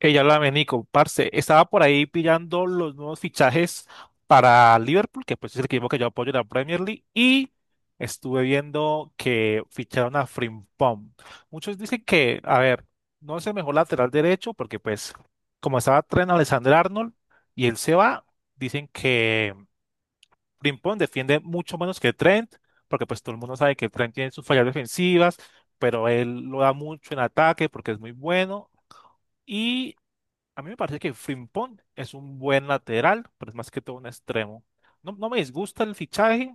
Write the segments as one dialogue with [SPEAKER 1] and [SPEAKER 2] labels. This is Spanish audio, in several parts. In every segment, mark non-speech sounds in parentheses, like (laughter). [SPEAKER 1] Ella, la Nico, parce, estaba por ahí pillando los nuevos fichajes para Liverpool, que pues es el equipo que yo apoyo en la Premier League, y estuve viendo que ficharon a Frimpong. Muchos dicen que, a ver, no es el mejor lateral derecho, porque pues como estaba Trent Alexander-Arnold y él se va, dicen que Frimpong defiende mucho menos que Trent, porque pues todo el mundo sabe que Trent tiene sus fallas defensivas, pero él lo da mucho en ataque porque es muy bueno. A mí me parece que Frimpong es un buen lateral, pero es más que todo un extremo. No, no me disgusta el fichaje,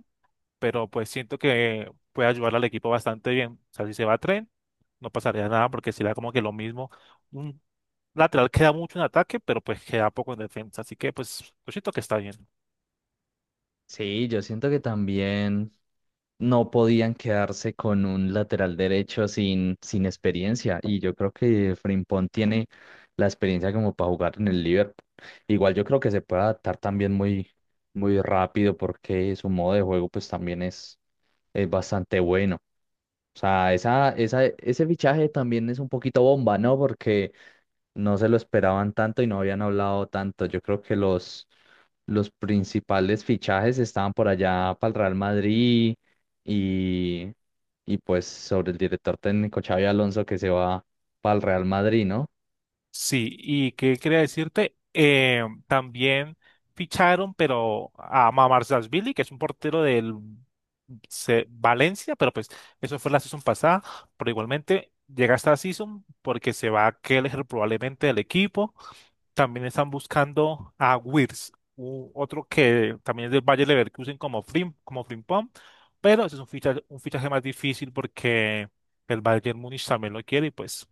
[SPEAKER 1] pero pues siento que puede ayudar al equipo bastante bien. O sea, si se va a Tren, no pasaría nada porque será como que lo mismo. Un lateral queda mucho en ataque, pero pues queda poco en defensa. Así que pues yo siento que está bien.
[SPEAKER 2] Sí, yo siento que también no podían quedarse con un lateral derecho sin experiencia. Y yo creo que Frimpong tiene la experiencia como para jugar en el Liverpool. Igual yo creo que se puede adaptar también muy rápido porque su modo de juego pues también es bastante bueno. O sea, ese fichaje también es un poquito bomba, ¿no? Porque no se lo esperaban tanto y no habían hablado tanto. Yo creo que los principales fichajes estaban por allá para el Real Madrid y, y pues sobre el director técnico Xavi Alonso que se va para el Real Madrid, ¿no?
[SPEAKER 1] Sí, y qué quería decirte, también ficharon, pero a Billy, que es un portero del Valencia, pero pues eso fue la season pasada, pero igualmente llega esta season porque se va a Keller probablemente del equipo. También están buscando a Wirtz, otro que también es del Bayer Leverkusen como Frimpong, pero ese es un fichaje más difícil porque el Bayern Múnich también lo quiere y pues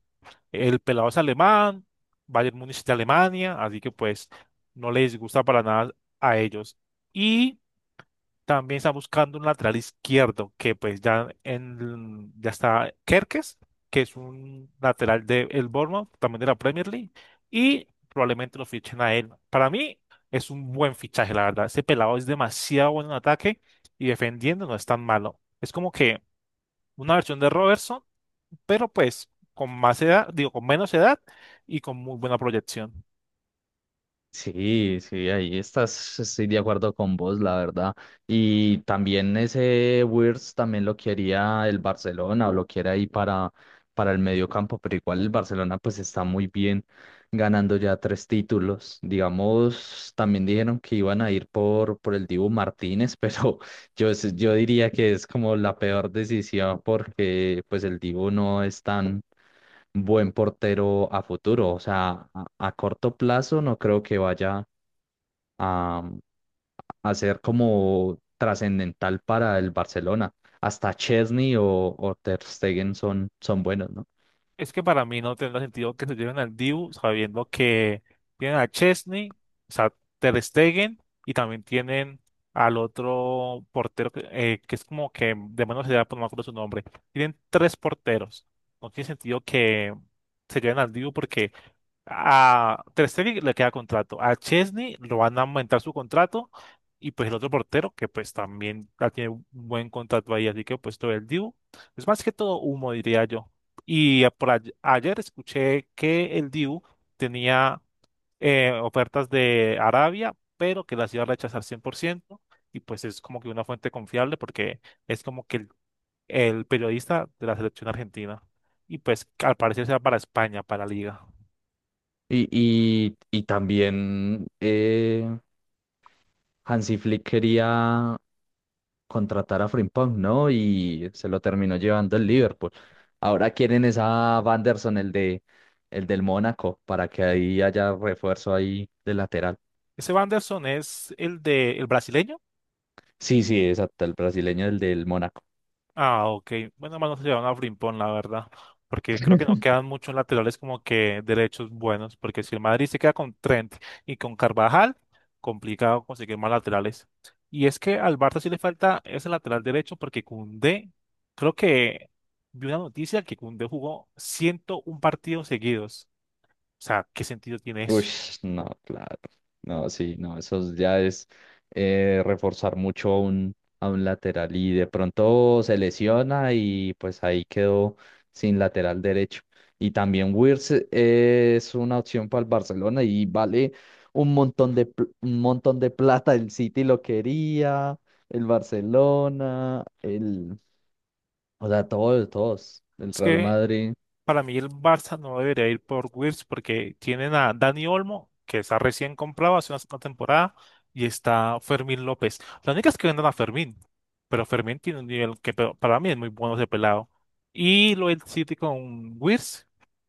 [SPEAKER 1] el pelado es alemán, Bayern Múnich de Alemania, así que pues no les gusta para nada a ellos. Y también está buscando un lateral izquierdo, que pues ya, ya está Kerkes, que es un lateral de el Bournemouth, también de la Premier League, y probablemente lo fichen a él. Para mí es un buen fichaje, la verdad. Ese pelado es demasiado bueno en ataque y defendiendo no es tan malo. Es como que una versión de Robertson pero pues con más edad, digo, con menos edad y con muy buena proyección.
[SPEAKER 2] Sí, sí, ahí estoy de acuerdo con vos, la verdad. Y también ese Wirtz también lo quería el Barcelona, o lo quiere ahí para el medio campo, pero igual el Barcelona pues está muy bien ganando ya tres títulos. Digamos, también dijeron que iban a ir por el Dibu Martínez, pero (laughs) yo diría que es como la peor decisión porque pues el Dibu no es tan buen portero a futuro. O sea, a corto plazo no creo que vaya a, mm, a ser como trascendental para el Barcelona. Hasta Chesney o Ter Stegen son buenos, ¿no?
[SPEAKER 1] Es que para mí no tendrá sentido que se lleven al Dibu sabiendo que tienen a Chesney, o sea, Ter Stegen y también tienen al otro portero que es como que de menos edad, pero no me acuerdo su nombre. Tienen tres porteros. No tiene sentido que se lleven al Dibu porque a Ter Stegen le queda contrato. A Chesney lo van a aumentar su contrato. Y pues el otro portero, que pues también ya tiene un buen contrato ahí, así que pues todo el Dibu. Es más que todo humo, diría yo. Y por ayer escuché que el Dibu tenía ofertas de Arabia, pero que las iba a rechazar 100%. Y pues es como que una fuente confiable porque es como que el periodista de la selección argentina. Y pues al parecer será para España, para la Liga.
[SPEAKER 2] Y también Hansi Flick quería contratar a Frimpong, ¿no? Y se lo terminó llevando el Liverpool. Ahora quieren esa Wanderson, el del Mónaco, para que ahí haya refuerzo ahí de lateral.
[SPEAKER 1] Ese Wanderson es el de el brasileño.
[SPEAKER 2] Sí, sí, exacto, el brasileño, el del Mónaco.
[SPEAKER 1] Ah, ok. Bueno, más no se llevan a Frimpón, la verdad. Porque creo que no quedan muchos laterales como que derechos buenos. Porque si el Madrid se queda con Trent y con Carvajal, complicado conseguir más laterales. Y es que al Barça sí le falta ese lateral derecho porque Koundé, creo que vi una noticia que Koundé jugó 101 partidos seguidos. O sea, ¿qué sentido tiene
[SPEAKER 2] Uy,
[SPEAKER 1] eso?
[SPEAKER 2] no, claro. No, sí, no, eso ya es reforzar mucho a a un lateral, y de pronto se lesiona y pues ahí quedó sin lateral derecho. Y también Wirtz es una opción para el Barcelona y vale un montón un montón de plata. El City lo quería, el Barcelona, o sea, el
[SPEAKER 1] Es
[SPEAKER 2] Real
[SPEAKER 1] que
[SPEAKER 2] Madrid.
[SPEAKER 1] para mí el Barça no debería ir por Wirtz porque tienen a Dani Olmo, que está recién comprado hace una temporada, y está Fermín López. La única es que vendan a Fermín, pero Fermín tiene un nivel que para mí es muy bueno ese pelado. Y lo del City con Wirtz,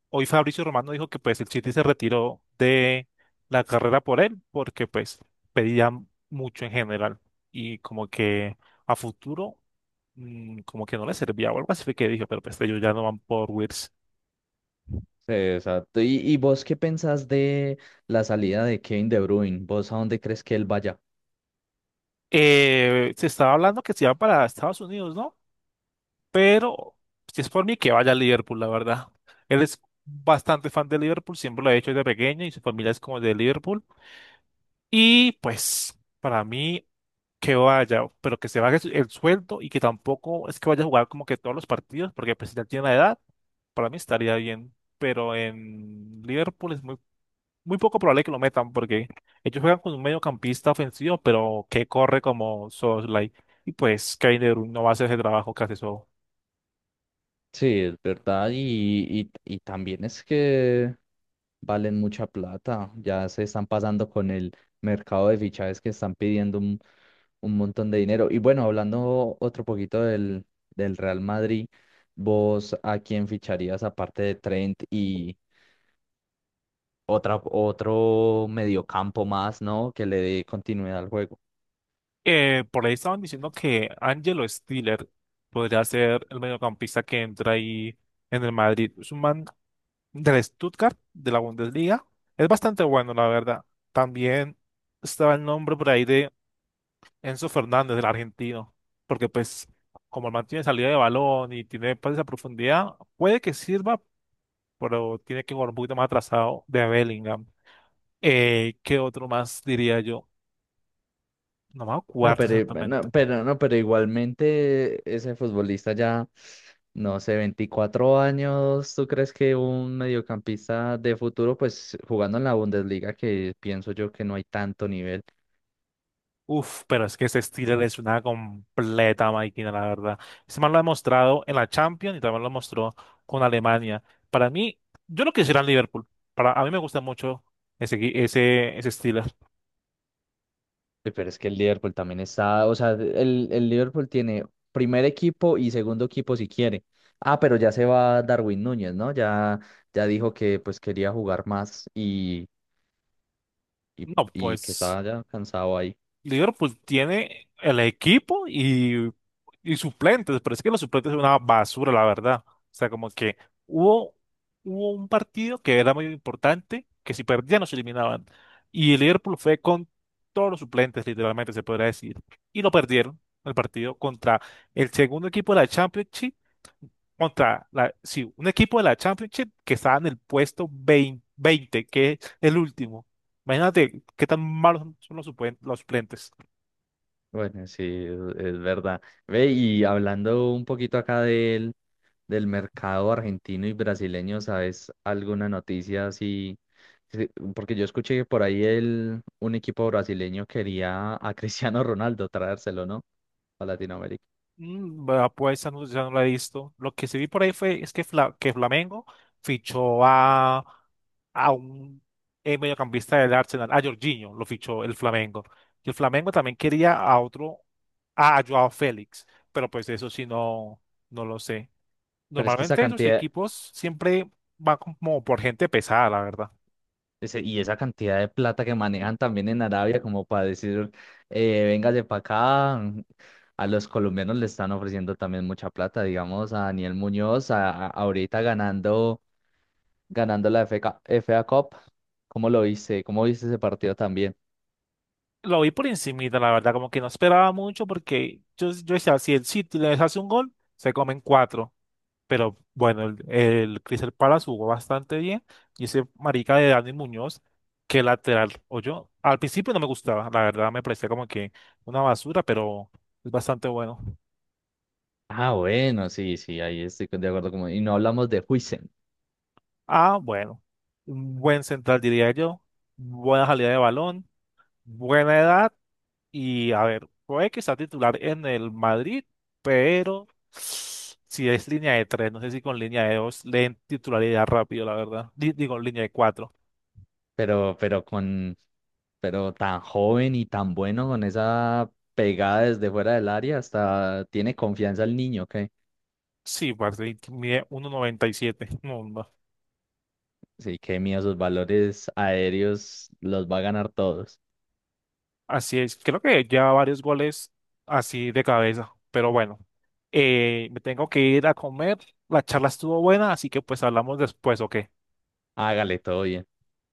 [SPEAKER 1] hoy Fabricio Romano dijo que pues el City se retiró de la carrera por él porque pues pedía mucho en general y como que a futuro, como que no le servía o algo así fue que dijo, pero pues ellos ya no van por Wirtz.
[SPEAKER 2] Sí, exacto. ¿Y vos qué pensás de la salida de Kevin De Bruyne? ¿Vos a dónde crees que él vaya?
[SPEAKER 1] Se estaba hablando que se iba para Estados Unidos, ¿no? Pero si es por mí, que vaya a Liverpool, la verdad. Él es bastante fan de Liverpool, siempre lo ha hecho desde pequeño y su familia es como de Liverpool. Y pues, para mí, que vaya, pero que se baje el sueldo y que tampoco es que vaya a jugar como que todos los partidos, porque pues si ya tiene la edad, para mí estaría bien. Pero en Liverpool es muy muy poco probable que lo metan porque ellos juegan con un mediocampista ofensivo, pero que corre como Soslay. Y pues Kevin De Bruyne no va a hacer ese trabajo que hace eso.
[SPEAKER 2] Sí, es verdad. Y también es que valen mucha plata. Ya se están pasando con el mercado de fichajes, que están pidiendo un montón de dinero. Y bueno, hablando otro poquito del Real Madrid, ¿vos a quién ficharías aparte de Trent y otro mediocampo más, ¿no? Que le dé continuidad al juego.
[SPEAKER 1] Por ahí estaban diciendo que Angelo Stiller podría ser el mediocampista que entra ahí en el Madrid. Es un man del Stuttgart, de la Bundesliga. Es bastante bueno, la verdad. También estaba el nombre por ahí de Enzo Fernández, del argentino, porque pues como el man tiene salida de balón y tiene pases a profundidad, puede que sirva, pero tiene que jugar un poquito más atrasado de Bellingham. ¿Qué otro más diría yo? No me acuerdo exactamente.
[SPEAKER 2] No, pero igualmente ese futbolista ya, no sé, 24 años, ¿tú crees que un mediocampista de futuro, pues jugando en la Bundesliga, que pienso yo que no hay tanto nivel?
[SPEAKER 1] Uf, pero es que ese Steeler es una completa máquina, la verdad. Ese man lo ha demostrado en la Champions y también lo mostró con Alemania. Para mí, yo lo quisiera en Liverpool. A mí me gusta mucho ese Steeler.
[SPEAKER 2] Uy, pero es que el Liverpool también está, o sea, el Liverpool tiene primer equipo y segundo equipo si quiere. Ah, pero ya se va Darwin Núñez, ¿no? Ya, ya dijo que pues quería jugar y,
[SPEAKER 1] No,
[SPEAKER 2] y que
[SPEAKER 1] pues
[SPEAKER 2] estaba ya cansado ahí.
[SPEAKER 1] Liverpool tiene el equipo y suplentes, pero es que los suplentes son una basura, la verdad. O sea, como que hubo, hubo un partido que era muy importante, que si perdían nos eliminaban. Y el Liverpool fue con todos los suplentes, literalmente se podría decir. Y lo perdieron el partido contra el segundo equipo de la Championship, contra sí, un equipo de la Championship que estaba en el puesto 20, 20, que es el último. Imagínate qué tan malos son los los suplentes.
[SPEAKER 2] Bueno, sí, es verdad. Ve, y hablando un poquito acá del mercado argentino y brasileño, ¿sabes alguna noticia así? Sí, porque yo escuché que por ahí un equipo brasileño quería a (laughs) Cristiano Ronaldo traérselo, ¿no? A Latinoamérica.
[SPEAKER 1] Bueno, pues esa no, ya no la he visto. Lo que sí vi por ahí fue es que, que Flamengo fichó a un mediocampista del Arsenal, a Jorginho, lo fichó el Flamengo. Y el Flamengo también quería a otro, a Joao Félix, pero pues eso sí no, no lo sé.
[SPEAKER 2] Pero es que esa
[SPEAKER 1] Normalmente esos
[SPEAKER 2] cantidad,
[SPEAKER 1] equipos siempre van como por gente pesada, la verdad.
[SPEAKER 2] ese- y esa cantidad de plata que manejan también en Arabia, como para decir, véngase para acá, a los colombianos le están ofreciendo también mucha plata, digamos, a Daniel Muñoz, ahorita ganando, ganando la FK FA Cup. ¿Cómo lo viste? ¿Cómo viste ese partido también?
[SPEAKER 1] Lo vi por encimita, la verdad, como que no esperaba mucho porque yo decía, si el City les hace un gol, se comen cuatro. Pero bueno, el Crystal Palace jugó bastante bien. Y ese marica de Dani Muñoz, que lateral, o yo, al principio no me gustaba, la verdad me parecía como que una basura, pero es bastante bueno.
[SPEAKER 2] Ah, bueno, sí, sí, ahí estoy de acuerdo. Como y no hablamos de Huijsen,
[SPEAKER 1] Ah, bueno, un buen central diría yo, buena salida de balón, buena edad y a ver, puede que sea titular en el Madrid, pero si es línea de tres, no sé si con línea de dos leen titularidad rápido, la verdad. Digo, línea de cuatro.
[SPEAKER 2] pero, pero con, pero tan joven y tan bueno con esa pegada desde fuera del área, hasta tiene confianza el niño. Que
[SPEAKER 1] Sí, Barley mide 1.97. No, no.
[SPEAKER 2] sí, qué mío, sus valores aéreos los va a ganar todos.
[SPEAKER 1] Así es. Creo que ya varios goles así de cabeza. Pero bueno, me tengo que ir a comer. La charla estuvo buena, así que pues hablamos después, ¿ok?
[SPEAKER 2] Hágale todo bien.